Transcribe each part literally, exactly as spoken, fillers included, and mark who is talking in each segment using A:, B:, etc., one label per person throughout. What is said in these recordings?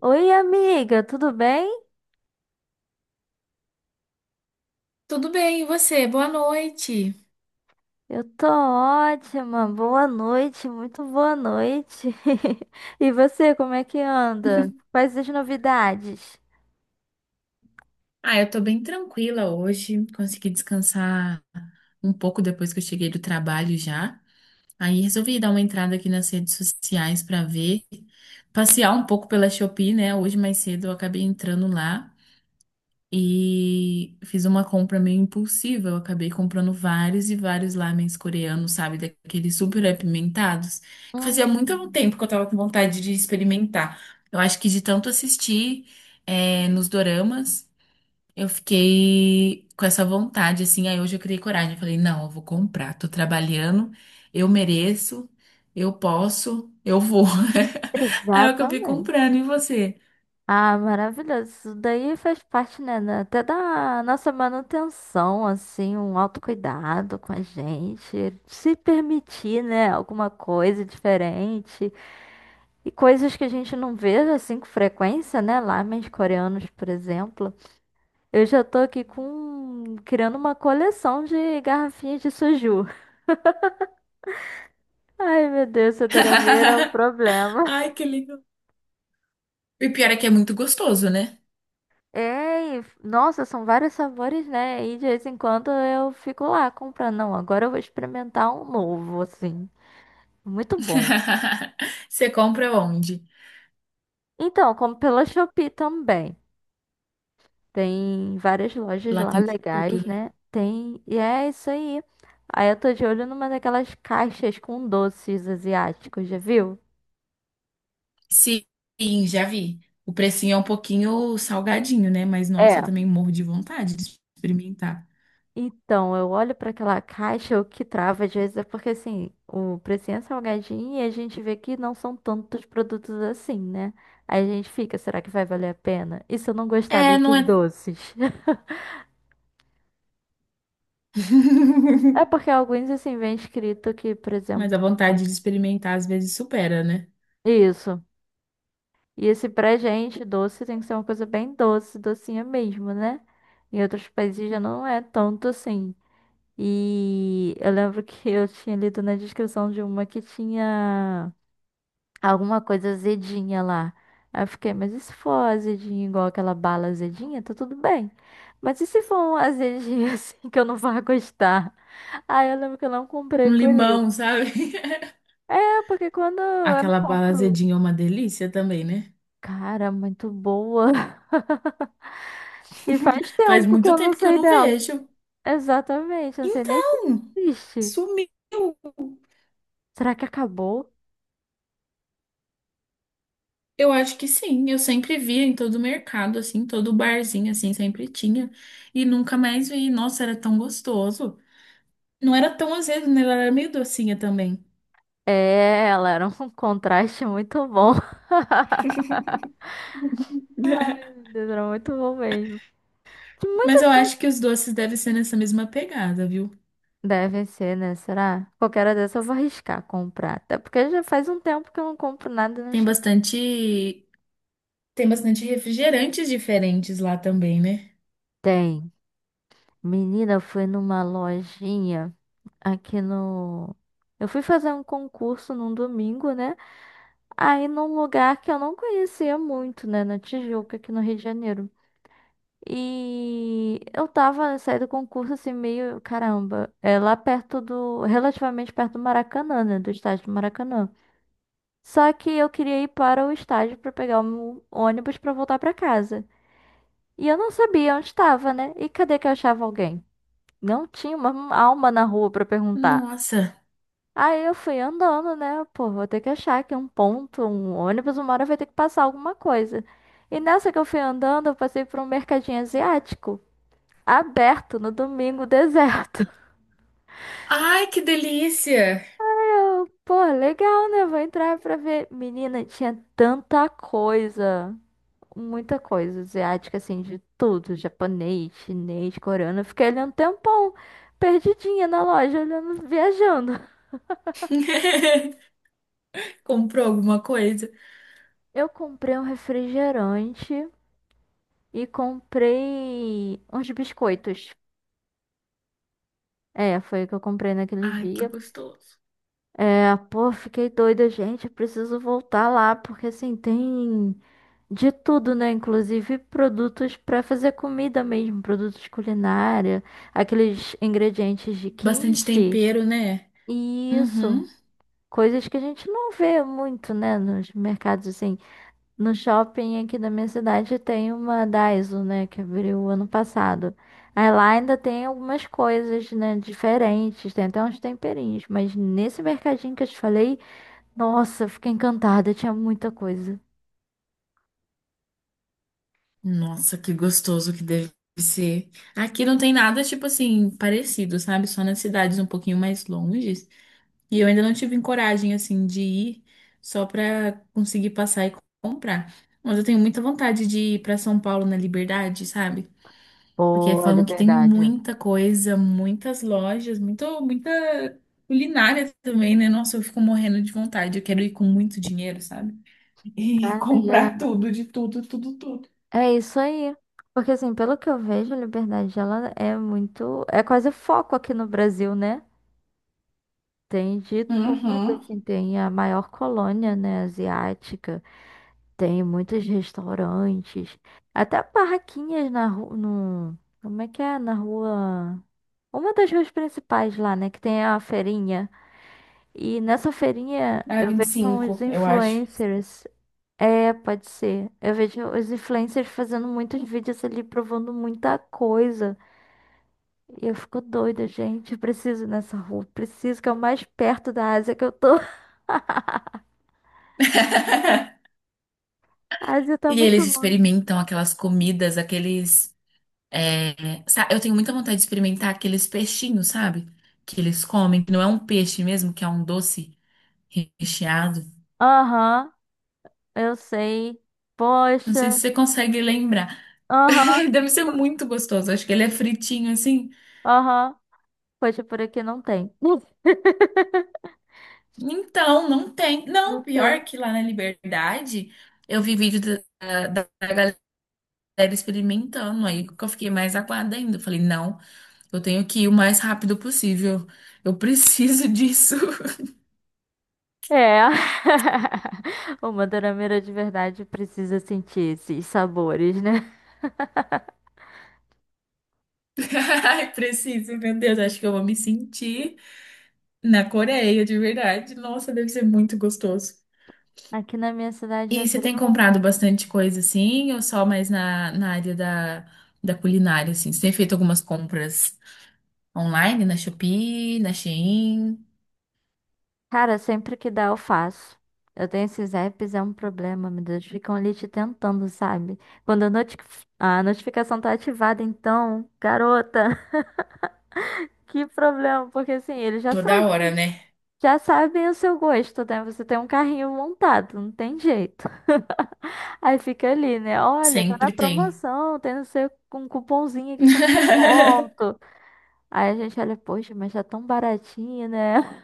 A: Oi, amiga, tudo bem?
B: Tudo bem, e você? Boa noite.
A: Eu tô ótima. Boa noite, muito boa noite. E você, como é que anda? Quais as novidades?
B: Ah, eu tô bem tranquila hoje. Consegui descansar um pouco depois que eu cheguei do trabalho já. Aí resolvi dar uma entrada aqui nas redes sociais pra ver, passear um pouco pela Shopee, né? Hoje mais cedo eu acabei entrando lá. E fiz uma compra meio impulsiva. Eu acabei comprando vários e vários lamens coreanos, sabe? Daqueles super apimentados. Que
A: Hum,
B: Fazia muito tempo que eu tava com vontade de experimentar. Eu acho que de tanto assistir eh, nos doramas, eu fiquei com essa vontade, assim. Aí hoje eu criei coragem. Eu falei, não, eu vou comprar. Tô trabalhando, eu mereço, eu posso, eu vou. Aí eu acabei
A: exatamente.
B: comprando. E você?
A: Ah, maravilhoso. Isso daí faz parte, né, da- até da nossa manutenção, assim, um autocuidado com a gente, se permitir, né, alguma coisa diferente e coisas que a gente não vê assim com frequência, né, lá, mas coreanos, por exemplo. Eu já tô aqui com criando uma coleção de garrafinhas de suju. Ai, meu Deus, Dorameira é um problema.
B: Ai, que legal. E o pior é que é muito gostoso, né?
A: É, e- nossa, são vários sabores, né? E de vez em quando eu fico lá comprando. Não, agora eu vou experimentar um novo, assim. Muito bom.
B: Você compra onde?
A: Então, como pela Shopee também. Tem várias lojas
B: Lá
A: lá
B: tem de tudo,
A: legais,
B: né?
A: né? Tem. E é isso aí. Aí eu tô de olho numa daquelas caixas com doces asiáticos, já viu?
B: Sim, já vi. O precinho é um pouquinho salgadinho, né? Mas nossa, eu
A: É.
B: também morro de vontade de experimentar.
A: Então, eu olho para aquela caixa, o que trava às vezes é porque assim, o precinho é salgadinho e a gente vê que não são tantos produtos assim, né? Aí a gente fica, será que vai valer a pena? E se eu não gostar
B: É, não
A: desses
B: é.
A: doces? É porque alguns assim vem escrito que, por
B: Mas a
A: exemplo,
B: vontade de experimentar às vezes supera, né?
A: isso. E esse pra gente doce tem que ser uma coisa bem doce, docinha mesmo, né? Em outros países já não é tanto assim. E eu lembro que eu tinha lido na descrição de uma que tinha alguma coisa azedinha lá. Aí eu fiquei, mas e se for azedinho igual aquela bala azedinha, tá tudo bem. Mas e se for um azedinho assim que eu não vá gostar? Aí eu lembro que eu não comprei
B: Um
A: por isso.
B: limão, sabe?
A: É, porque quando eu
B: Aquela bala
A: compro.
B: azedinha é uma delícia também, né?
A: Cara, muito boa. E faz
B: Faz
A: tempo que
B: muito
A: eu não
B: tempo que eu
A: sei
B: não
A: dela.
B: vejo.
A: Exatamente, eu não sei nem se
B: Então,
A: existe.
B: sumiu.
A: Será que acabou?
B: Eu acho que sim, eu sempre via em todo mercado, assim, todo barzinho, assim, sempre tinha. E nunca mais vi. Nossa, era tão gostoso. Não era tão azedo, né? Ela era meio docinha também.
A: É, ela era um contraste muito bom. Ai, meu Deus, era muito bom mesmo. Muito
B: Mas eu acho que os doces devem ser nessa mesma pegada, viu?
A: Deve ser, né? Será? Qualquer hora dessa eu vou arriscar comprar. Até porque já faz um tempo que eu não compro nada no
B: Tem
A: shopping.
B: bastante, tem bastante refrigerantes diferentes lá também, né?
A: Tem. Menina, eu fui numa lojinha aqui no. Eu fui fazer um concurso num domingo, né? Aí num lugar que eu não conhecia muito, né? Na Tijuca, aqui no Rio de Janeiro. E eu tava, saí do concurso assim, meio, caramba, é lá perto do, relativamente perto do Maracanã, né? Do estádio do Maracanã. Só que eu queria ir para o estádio para pegar um ônibus para voltar para casa. E eu não sabia onde estava, né? E cadê que eu achava alguém? Não tinha uma alma na rua para perguntar.
B: Nossa.
A: Aí eu fui andando, né? Pô, vou ter que achar aqui um ponto, um ônibus, uma hora vai ter que passar alguma coisa. E nessa que eu fui andando, eu passei por um mercadinho asiático, aberto no domingo, deserto.
B: Ai, que delícia!
A: Eu, pô, legal, né? Vou entrar pra ver. Menina, tinha tanta coisa. Muita coisa asiática, assim, de tudo, japonês, chinês, coreano. Eu fiquei ali um tempão, perdidinha na loja, olhando, viajando.
B: Comprou alguma coisa?
A: Eu comprei um refrigerante e comprei uns biscoitos. É, foi o que eu comprei naquele
B: Ai, que
A: dia.
B: gostoso.
A: É, pô, fiquei doida, gente. Eu preciso voltar lá, porque assim, tem de tudo, né? Inclusive produtos pra fazer comida mesmo, produtos culinária, aqueles ingredientes de
B: Bastante
A: kimchi.
B: tempero, né?
A: Isso,
B: Uhum.
A: coisas que a gente não vê muito, né, nos mercados assim. No shopping aqui da minha cidade tem uma Daiso, né, que abriu ano passado. Aí lá ainda tem algumas coisas, né, diferentes, tem até uns temperinhos, mas nesse mercadinho que eu te falei, nossa, eu fiquei encantada, tinha muita coisa.
B: Nossa, que gostoso que deve ser. Aqui não tem nada, tipo assim, parecido, sabe? Só nas cidades um pouquinho mais longes. E eu ainda não tive coragem, assim, de ir só pra conseguir passar e comprar. Mas eu tenho muita vontade de ir pra São Paulo na Liberdade, sabe? Porque
A: Boa,
B: falam que tem
A: liberdade.
B: muita coisa, muitas lojas, muito, muita culinária também, né? Nossa, eu fico morrendo de vontade. Eu quero ir com muito dinheiro, sabe? E
A: Ah, e é
B: comprar tudo, de tudo, tudo, tudo.
A: é isso aí. Porque assim, pelo que eu vejo, a liberdade ela é muito, é quase foco aqui no Brasil, né? Tem de tudo,
B: Uhum.
A: assim, tem a maior colônia, né, asiática, tem muitos restaurantes, até barraquinhas na rua, no, como é que é, na rua, uma das ruas principais lá, né, que tem a feirinha, e nessa feirinha
B: Ah,
A: eu
B: vinte e
A: vejo uns
B: cinco eu acho.
A: influencers, é, pode ser, eu vejo os influencers fazendo muitos vídeos ali, provando muita coisa, e eu fico doida, gente, eu preciso ir nessa rua, preciso, que é o mais perto da Ásia que eu tô. A Ásia tá
B: E
A: muito
B: eles
A: longe.
B: experimentam aquelas comidas, aqueles. é, sa- Eu tenho muita vontade de experimentar aqueles peixinhos, sabe? Que eles comem, que não é um peixe mesmo, que é um doce recheado.
A: Aham, eu sei.
B: Não sei se
A: Poxa.
B: você consegue lembrar.
A: Aham,
B: Deve ser muito gostoso. Acho que ele é fritinho assim.
A: aham. Poxa, por aqui não tem.
B: Então, não tem. Não,
A: Não tem.
B: pior que lá na Liberdade, eu vi vídeo da, da- da galera experimentando. Aí que eu fiquei mais aguada ainda. Eu falei, não. Eu tenho que ir o mais rápido possível. Eu preciso disso.
A: É. O madeireiro de verdade precisa sentir esses sabores, né?
B: Ai, preciso, meu Deus. Acho que eu vou me sentir na Coreia, de verdade. Nossa, deve ser muito gostoso.
A: Aqui na minha cidade
B: E você tem
A: abriu.
B: comprado bastante coisa assim, ou só mais na, na área da, da culinária, assim? Você tem feito algumas compras online, na Shopee, na Shein?
A: Cara, sempre que dá eu faço. Eu tenho esses apps, é um problema, meu Deus. Ficam ali te tentando, sabe? Quando a, noti- a notificação tá ativada, então, garota, que problema, porque assim, ele já sabe.
B: Toda hora, né?
A: Já sabem o seu gosto, né? Você tem um carrinho montado, não tem jeito. Aí fica ali, né? Olha, tá na
B: Sempre tem.
A: promoção, tem não sei, um cupomzinho aqui com ponto. Aí a gente olha, poxa, mas tá tão baratinho, né?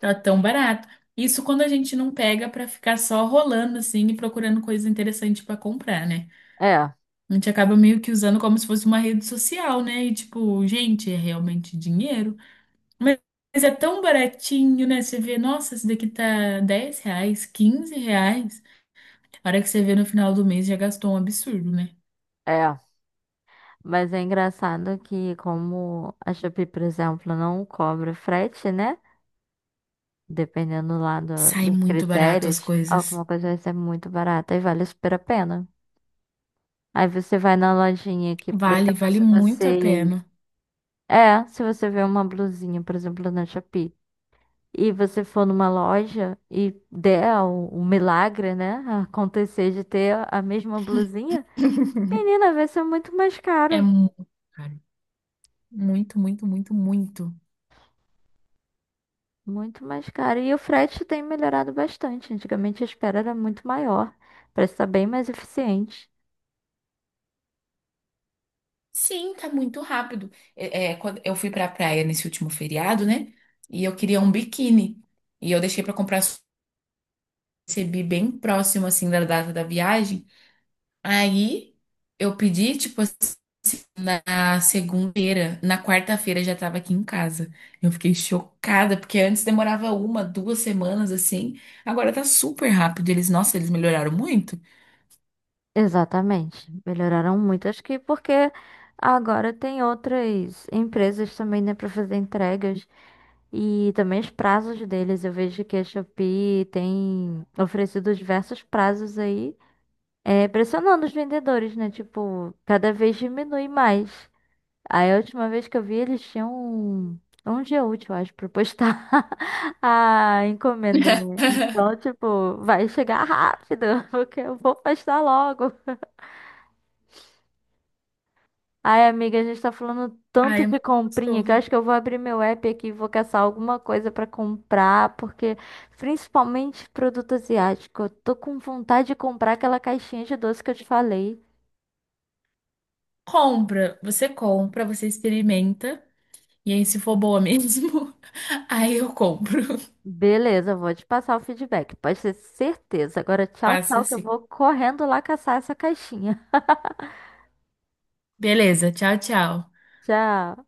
B: Tá tão barato. Isso quando a gente não pega pra ficar só rolando assim e procurando coisa interessante pra comprar, né?
A: É,
B: A gente acaba meio que usando como se fosse uma rede social, né? E tipo, gente, é realmente dinheiro. Mas mas é tão baratinho, né? Você vê, nossa, esse daqui tá dez reais, quinze reais. A hora que você vê no final do mês já gastou um absurdo, né?
A: é. Mas é engraçado que como a Shopee, por exemplo, não cobra frete, né? Dependendo lá do-
B: Sai
A: dos
B: muito barato
A: critérios,
B: as coisas.
A: alguma coisa vai ser muito barata e vale super a pena. Aí você vai na lojinha aqui, por
B: Vale,
A: exemplo,
B: vale
A: se
B: muito a
A: você
B: pena.
A: É, se você vê uma blusinha, por exemplo, na Shopee, e você for numa loja e der o, o milagre, né, acontecer de ter a mesma blusinha, menina, vai ser muito mais
B: É
A: caro.
B: muito caro. Muito, muito, muito, muito.
A: Muito mais caro. E o frete tem melhorado bastante. Antigamente a espera era muito maior. Parece estar bem mais eficiente.
B: Sim, tá muito rápido. É, é, quando eu fui pra praia nesse último feriado, né? E eu queria um biquíni. E eu deixei pra comprar, recebi bem próximo, assim, da data da viagem. Aí eu pedi, tipo, assim, na segunda-feira, na quarta-feira já tava aqui em casa. Eu fiquei chocada, porque antes demorava uma, duas semanas, assim. Agora tá super rápido. Eles, nossa, eles melhoraram muito.
A: Exatamente. Melhoraram muito. Acho que porque agora tem outras empresas também, né, para fazer entregas. E também os prazos deles. Eu vejo que a Shopee tem oferecido diversos prazos aí, é, pressionando os vendedores, né? Tipo, cada vez diminui mais. Aí a última vez que eu vi, eles tinham um, um dia útil, eu acho, pra postar a encomenda, né? Então, tipo, vai chegar rápido, porque eu vou postar logo. Ai, amiga, a gente tá falando
B: Ai,
A: tanto
B: é
A: de
B: muito
A: comprinha que eu acho
B: gostoso.
A: que eu vou abrir meu app aqui e vou caçar alguma coisa pra comprar, porque principalmente produto asiático, eu tô com vontade de comprar aquela caixinha de doce que eu te falei.
B: Compra, você compra, você experimenta. E aí, se for boa mesmo, aí eu compro.
A: Beleza, vou te passar o feedback, pode ter certeza. Agora, tchau,
B: Passa
A: tchau, que eu
B: assim.
A: vou correndo lá caçar essa caixinha.
B: Beleza, tchau, tchau.
A: Tchau.